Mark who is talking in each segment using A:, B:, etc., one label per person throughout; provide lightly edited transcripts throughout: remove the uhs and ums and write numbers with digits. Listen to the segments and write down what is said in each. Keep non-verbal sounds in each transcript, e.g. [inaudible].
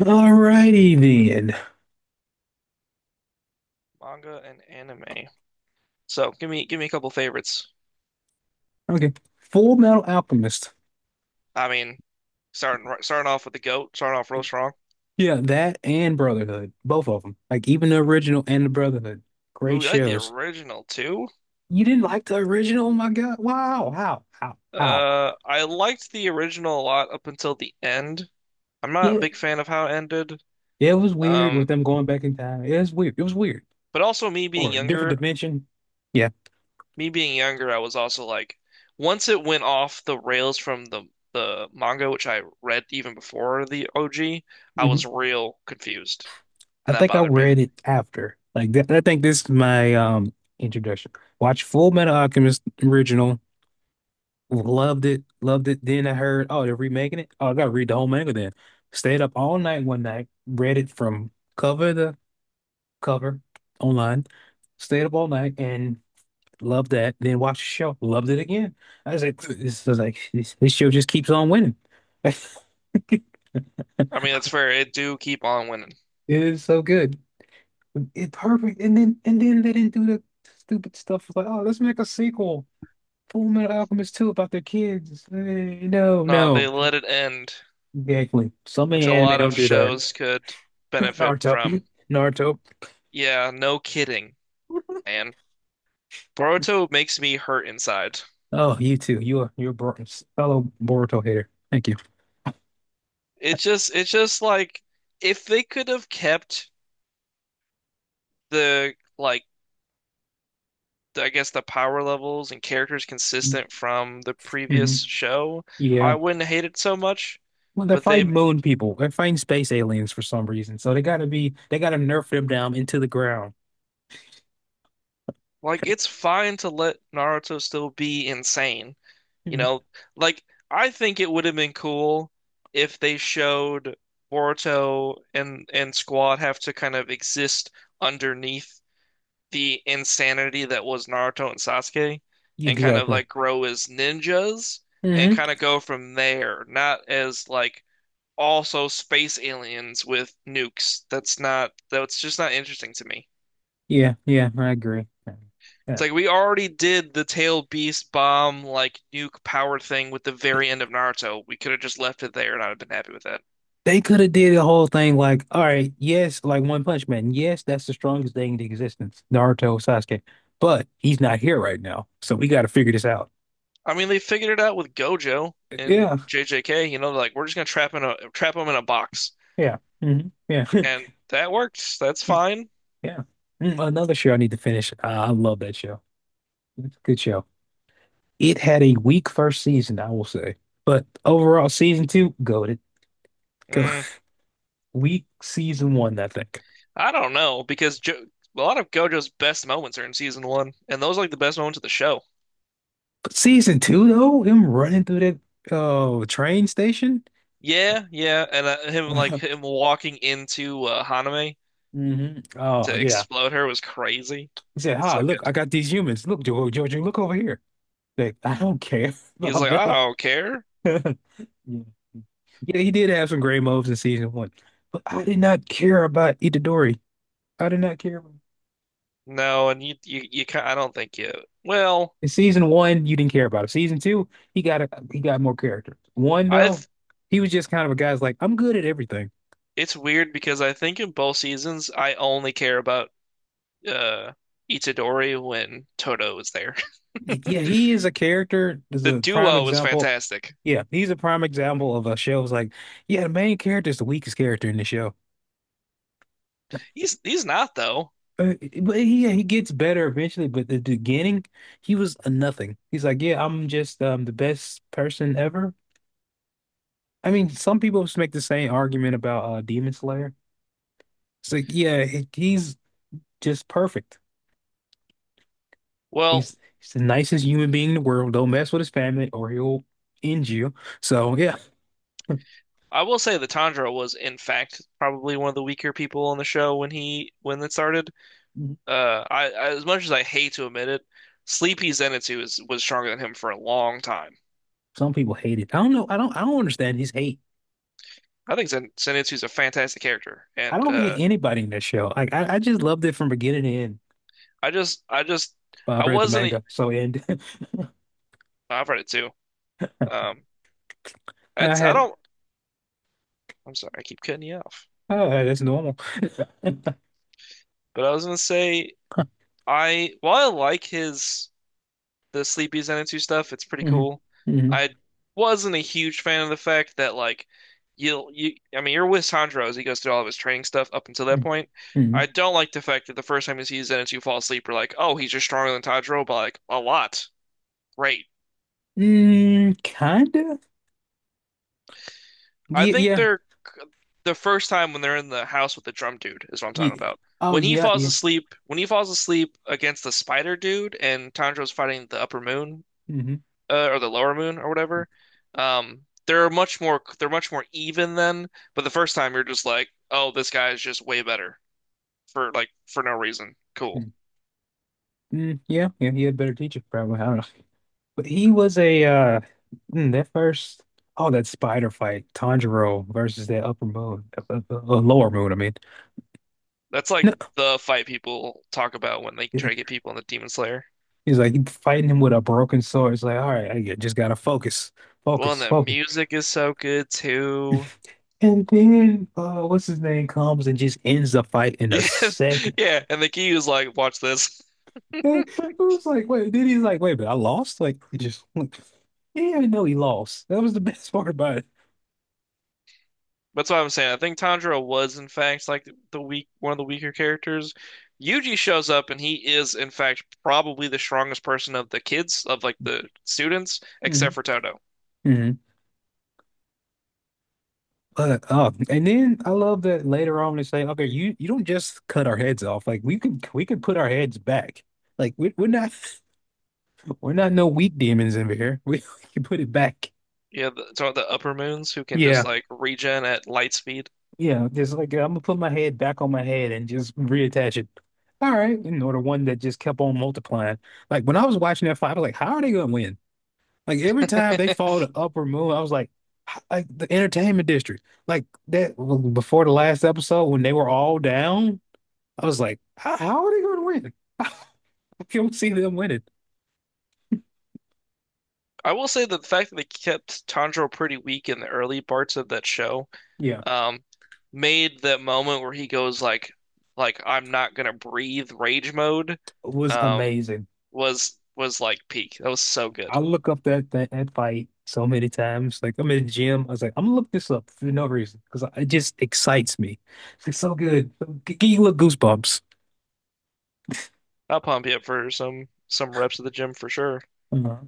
A: Alrighty then.
B: Manga and anime. So give me a couple favorites.
A: Okay. Full Metal Alchemist.
B: I mean, starting off with the goat, starting off real strong.
A: Yeah, that and Brotherhood. Both of them. Like even the original and the Brotherhood. Great
B: Ooh, you like the
A: shows.
B: original too?
A: You didn't like the original? Oh my God. Wow. How? How? How?
B: I liked the original a lot up until the end. I'm not a
A: Yeah.
B: big fan of how it ended.
A: It was weird with
B: Um,
A: them going back in time. It was weird. It was weird.
B: but also
A: Or a different dimension. Yeah.
B: me being younger, I was also like, once it went off the rails from the manga, which I read even before the OG, I
A: Hmm.
B: was real confused,
A: I
B: and that
A: think I
B: bothered me.
A: read it after. Like that, I think this is my introduction. Watch Full Metal Alchemist original, loved it, loved it. Then I heard, oh, they're remaking it. Oh, I gotta read the whole manga then. Stayed up all night one night, read it from cover to cover online. Stayed up all night and loved that. Then watched the show, loved it again. I was like, this is like this show just keeps on winning. [laughs]
B: I mean, that's fair. It do keep on winning.
A: It is so good. It's perfect. And then they didn't do the stupid stuff like, oh, let's make a sequel, Full Metal Alchemist 2 about their kids. Eh, no,
B: No, they
A: no.
B: let it end,
A: Exactly. So
B: which
A: many
B: a
A: anime
B: lot of
A: don't do that.
B: shows could
A: [laughs]
B: benefit
A: Naruto.
B: from.
A: Naruto.
B: Yeah, no kidding, man. Boruto makes me hurt inside.
A: Oh, you too. You are fellow Boruto hater. Thank you.
B: It's just like if they could have kept the like, I guess the power levels and characters consistent from the previous
A: Hmm.
B: show, I
A: Yeah.
B: wouldn't hate it so much.
A: Well, they're
B: But
A: fighting
B: they
A: moon people. They're fighting space aliens for some reason. So they gotta nerf them down into the ground.
B: Like it's fine to let Naruto still be insane. You
A: Hmm.
B: know, like I think it would have been cool if they showed Boruto and Squad have to kind of exist underneath the insanity that was Naruto and Sasuke and kind of
A: Exactly.
B: like grow as ninjas and
A: Hmm.
B: kind of go from there, not as like also space aliens with nukes. That's just not interesting to me.
A: Yeah, yeah, I agree.
B: It's
A: Yeah.
B: like we already did the tail beast bomb like nuke power thing with the very end of Naruto. We could have just left it there and I'd have been happy with that.
A: They could have did the whole thing like, all right, yes, like One Punch Man. Yes, that's the strongest thing in existence, Naruto Sasuke. But he's not here right now. So we gotta figure this out.
B: I mean, they figured it out with Gojo and
A: Yeah,
B: JJK. You know, like we're just gonna trap them in a box,
A: yeah, hmm, yeah,
B: and
A: [laughs]
B: that worked. That's fine.
A: yeah. Another show I need to finish. I love that show. It's a good show. It had a weak first season, I will say, but overall, season two, goated. Go
B: Mm,
A: [laughs] weak season one, I think.
B: I don't know because jo a lot of Gojo's best moments are in season one, and those are like the best moments of the show.
A: But season two, though, him running through that train station.
B: Yeah, yeah, and him
A: [laughs]
B: like him walking into Haname
A: Hmm. Oh
B: to
A: yeah,
B: explode her was crazy.
A: he said,
B: So
A: "Hi, look,
B: good.
A: I got these humans. Look, Jojo, look over here." Like, I don't care [laughs]
B: He was
A: about
B: like, I
A: them.
B: don't care.
A: [laughs] Yeah. Yeah, he did have some great moves in season one, but I did not care about Itadori. I did not care about him.
B: No, and you can I don't think you. Well,
A: In season one, you didn't care about him. Season two, he got more character. One
B: I
A: though,
B: th
A: he was just kind of a guy's like, I'm good at everything.
B: It's weird because I think in both seasons I only care about uh Itadori when Toto is there. [laughs]
A: Yeah, he is a character. Is
B: The
A: a prime
B: duo is
A: example.
B: fantastic.
A: Yeah, he's a prime example of a show. It's like, yeah, the main character is the weakest character in the show.
B: He's not though.
A: Uh, but he yeah, he gets better eventually. But at the beginning, he was a nothing. He's like, yeah, I'm just the best person ever. I mean, some people just make the same argument about Demon Slayer. It's like, yeah, he's just perfect.
B: Well,
A: He's the nicest human being in the world. Don't mess with his family or he'll end you. So yeah,
B: I will say that Tanjiro was in fact probably one of the weaker people on the show when it started. I as much as I hate to admit it, Sleepy Zenitsu was stronger than him for a long time.
A: some people hate it. I don't know. I don't. I don't understand his hate.
B: I think Zenitsu's a fantastic character,
A: I
B: and
A: don't hate anybody in that show. Like I just loved it from beginning to end.
B: I just, I just,
A: Well, I
B: I
A: read the
B: wasn't. E-
A: manga, so end. [laughs]
B: I've read it too. Um,
A: I
B: it's I
A: had
B: don't. I'm sorry, I keep cutting you off.
A: Oh, that's normal. [laughs]
B: But I was gonna say, I while I like his the Sleepy Zenitsu stuff, it's pretty
A: Hmm.
B: cool.
A: Hmm.
B: I wasn't a huge fan of the fact that like you'll you. I mean, you're with Sandro as he goes through all of his training stuff up until that
A: Hmm.
B: point. I
A: Hmm.
B: don't like the fact that the first time you see Zenitsu fall asleep, we're like, oh, he's just stronger than Tanjiro by like a lot. Great.
A: Mm, kinda.
B: I
A: Yeah,
B: think
A: yeah.
B: they're The first time when they're in the house with the drum dude is what I'm talking
A: Yeah.
B: about.
A: Oh yeah, yeah.
B: When he falls asleep against the spider dude and Tanjiro's fighting the upper moon
A: Hmm.
B: or the lower moon or whatever, they're much more even then. But the first time you're just like, oh, this guy is just way better for no reason. Cool.
A: Mm, yeah, yeah, he had a better teacher, probably. I don't know. But he was a mm, that first oh that spider fight, Tanjiro versus that upper moon, lower moon, I mean.
B: That's
A: No,
B: like the fight people talk about when they try to
A: like,
B: get people in the Demon Slayer.
A: he's like fighting him with a broken sword. It's like, all right, I just gotta focus,
B: Well,
A: focus,
B: and the
A: focus.
B: music is so good too.
A: And then what's his name comes and just ends the fight in a
B: Yeah,
A: second.
B: [laughs] yeah. And the key is like, watch this. [laughs]
A: I was like, wait, then he's like, wait, but I lost? Like, he just, [laughs] like, he didn't even know he lost. That was the [laughs] best part about it.
B: That's what I'm saying. I think Tanjiro was in fact like the weaker characters. Yuji shows up and he is in fact probably the strongest person of the kids of like the students, except
A: Hmm.
B: for Toto.
A: Hmm. But, and then I love that later on they say, okay, you don't just cut our heads off. Like, we can put our heads back. Like, we're not, [laughs] we're not no weak demons in here. We, [laughs] we can put it back.
B: Yeah, so the upper moons who can just
A: Yeah.
B: like regen at light speed.
A: Yeah. Just like, I'm gonna put my head back on my head and just reattach it. All right. You know, the one that just kept on multiplying. Like, when I was watching that fight, I was like, how are they gonna win? Like every time they fall
B: [laughs]
A: to Upper Moon, I was like, like the entertainment district, like that before the last episode when they were all down, I was like, how are they going to win? [laughs] I don't see them winning.
B: I will say that the fact that they kept Tanjiro pretty weak in the early parts of that show,
A: Yeah,
B: um, made that moment where he goes like I'm not gonna breathe rage mode,
A: it was
B: um,
A: amazing.
B: was like peak. That was so good.
A: I look up that fight so many times. Like I'm in the gym, I was like, I'm gonna look this up for no reason because it just excites me. It's like so good. Give you little goosebumps.
B: I'll pump you up for some reps at the gym for sure.
A: Uh-huh.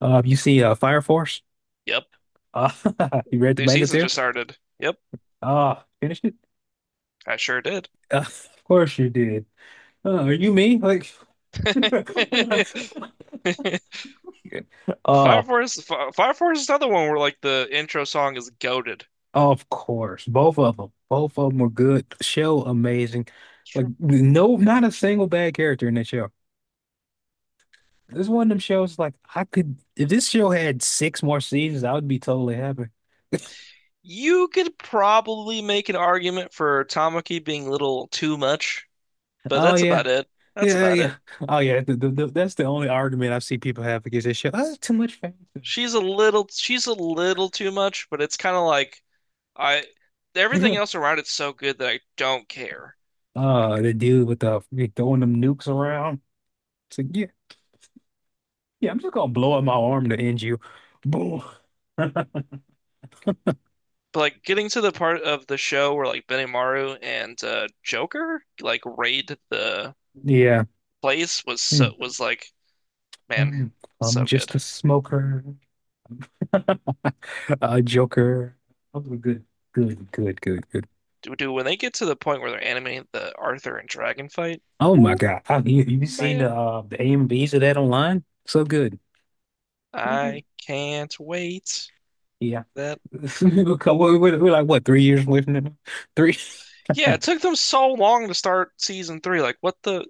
A: You see, Fire Force.
B: Yep.
A: Uh, [laughs] you read the
B: New
A: manga
B: season
A: too?
B: just started. Yep,
A: Ah, finished it?
B: I sure did.
A: Of course you did. Are you me? Like,
B: [laughs]
A: [laughs] uh,
B: Fire Force is another one where like the intro song is goaded.
A: of course, both of them were good. Show amazing.
B: It's
A: Like,
B: true.
A: no, not a single bad character in that show. This is one of them shows. Like, I could if this show had six more seasons, I would be totally happy.
B: You could probably make an argument for Tamaki being a little too much, but
A: Oh
B: that's
A: yeah,
B: about it. That's
A: yeah,
B: about it.
A: yeah. Oh yeah. That's the only argument I see people have against this show. Oh, it's too much fantasy.
B: She's a little too much, but it's kind of like I everything
A: [laughs]
B: else around it's so good that I don't care.
A: The dude with the throwing them nukes around. It's like, yeah, yeah, I'm just gonna blow up my arm to end you. Boom. [laughs]
B: But like getting to the part of the show where like Benimaru and Joker like raid the
A: Yeah.
B: place was
A: Hmm.
B: was like man,
A: I'm I'm
B: so good.
A: just a smoker. [laughs] A joker. Those were good. Good, good, good, good.
B: Do when they get to the point where they're animating the Arthur and Dragon fight?
A: Oh my
B: Ooh,
A: God. Have you seen
B: man,
A: the AMVs of that online? So good. So good.
B: I can't wait.
A: Yeah.
B: That
A: [laughs] We're like what, 3 years away from it now? Three. [laughs]
B: yeah, it took them so long to start season three. Like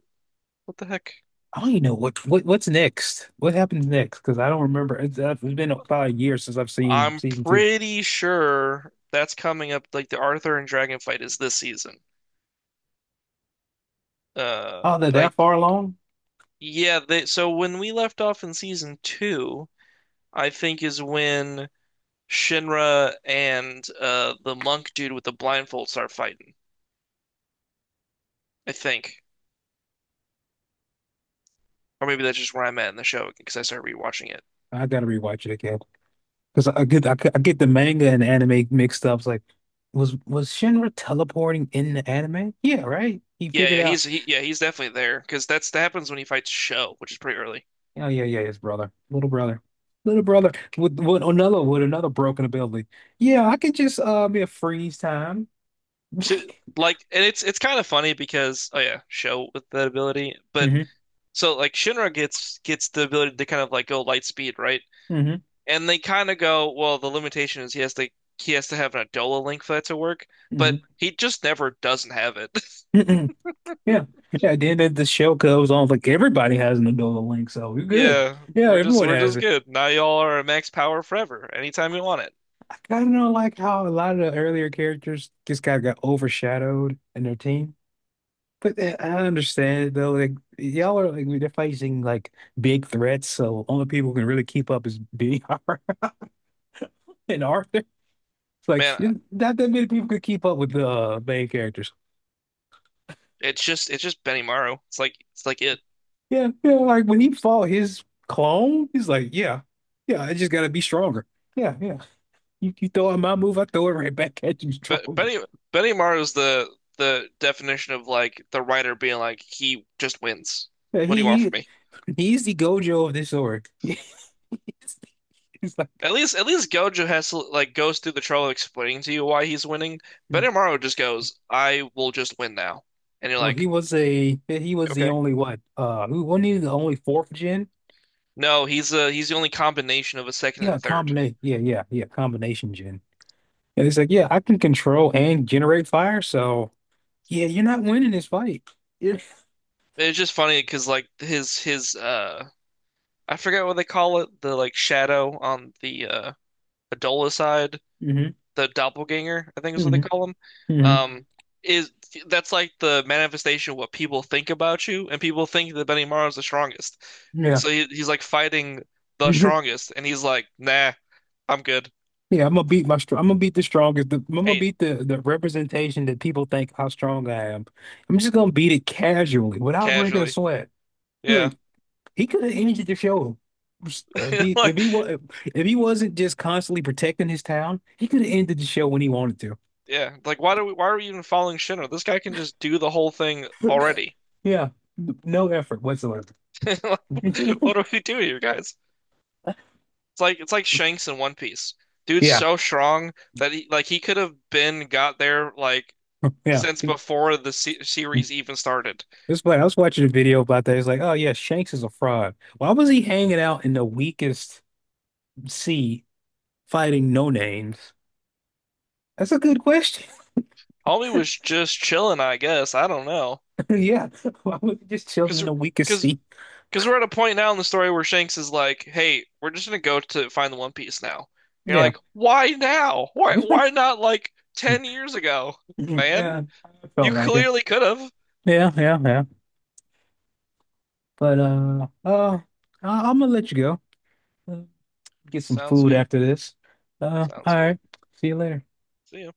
B: what the heck?
A: I don't even know what's next. What happens next? Because I don't remember. It's been about a year since I've seen
B: I'm
A: season two.
B: pretty sure that's coming up. Like the Arthur and Dragon fight is this season.
A: Oh, they're
B: But I
A: that far along?
B: Yeah, so when we left off in season two, I think is when Shinra and the monk dude with the blindfold start fighting. I think, or maybe that's just where I'm at in the show because I started rewatching it.
A: I gotta rewatch it again because I get the manga and anime mixed up. It's like, was Shinra teleporting in the anime? Yeah, right. He
B: Yeah,
A: figured
B: yeah,
A: out.
B: yeah, he's definitely there because that happens when he fights Show, which is pretty early.
A: Oh yeah, yeah, his brother, little brother, little brother with, with another broken ability. Yeah, I can just be a freeze time.
B: So
A: [laughs]
B: like, and it's kind of funny because oh yeah, Show with that ability, but
A: Hmm.
B: so like Shinra gets the ability to kind of like go light speed, right?
A: Hmm.
B: And they kind of go, well, the limitation is he has to have an Adola link for that to work, but he just never doesn't have it. [laughs]
A: Hmm. Yeah. Yeah. Then the shell goes on like everybody has an Ebola link, so we're good.
B: Yeah,
A: Yeah, everyone
B: we're
A: has
B: just
A: it.
B: good. Now y'all are at max power forever, anytime you want it.
A: I kind of don't like how a lot of the earlier characters just kind of got overshadowed in their team. But eh, I understand though, like y'all are like they're facing like big threats, so only people who can really keep up is [laughs] BR and Arthur. It's like
B: Man,
A: not that many people could keep up with the main characters.
B: it's just Benny Maru. It's like it.
A: Yeah, yeah, like when he fought his clone, he's like, yeah, yeah, I just gotta be stronger. Yeah, yeah. You throw at my move, I throw it right back at you
B: But
A: stronger.
B: Benny Maru's the definition of like the writer being like he just wins.
A: Yeah,
B: What do you want from me?
A: He's the Gojo of this org. [laughs] He's like,
B: At least Gojo has to, like goes through the trouble of explaining to you why he's winning. Benny Maru just goes, I will just win now. And you're
A: well,
B: like,
A: he was the
B: Okay.
A: only what? Who wasn't he the only fourth gen?
B: No, he's the only combination of a second
A: Yeah,
B: and third.
A: combination. Yeah, combination gen. And he's like, yeah, I can control and generate fire. So yeah, you're not winning this fight. Yeah.
B: It's just funny because like his I forget what they call it, the like shadow on the Adola side,
A: Hmm.
B: the doppelganger, I think is what they
A: Hmm.
B: call him.
A: Hmm.
B: Um is that's like the manifestation of what people think about you and people think that Benimaru is the strongest.
A: Yeah.
B: So he's like fighting the
A: [laughs]
B: strongest and he's like, "Nah, I'm good."
A: Yeah, I'm gonna beat the strongest. I'm gonna
B: Ain't
A: beat the representation that people think how strong I am. I'm just gonna beat it casually without breaking a
B: casually.
A: sweat.
B: Yeah.
A: Like he could have ended the show
B: [laughs]
A: if
B: Like
A: he was if he wasn't just constantly protecting his town. He could have ended the show when he wanted to.
B: Yeah, like why are we even following Shinra? This guy can just do the whole thing already.
A: Yeah, no effort whatsoever.
B: [laughs] Like,
A: [laughs]
B: what do we do here, guys? It's like Shanks in One Piece. Dude's
A: Yeah,
B: so strong that he could have been got there like
A: yeah.
B: since before the se series even started.
A: It's funny. I was watching a video about that. It's like, oh yeah, Shanks is a fraud. Why was he hanging out in the weakest sea fighting no names? That's a good question.
B: Homie was just chilling, I guess. I don't know.
A: [laughs] Yeah, why was he just chilling
B: Cause,
A: in the weakest
B: cause,
A: seat?
B: cause we're at a point now in the story where Shanks is like, "Hey, we're just gonna go to find the One Piece now." And you're
A: Yeah.
B: like, "Why now? Why
A: [laughs]
B: not like 10 years ago, man?"
A: Yeah, I
B: You
A: felt like it.
B: clearly could have.
A: Yeah, yeah, yeah. But I I'm gonna let you go. Uh, get some
B: Sounds
A: food
B: good.
A: after this. All
B: Sounds good.
A: right. See you later.
B: See ya.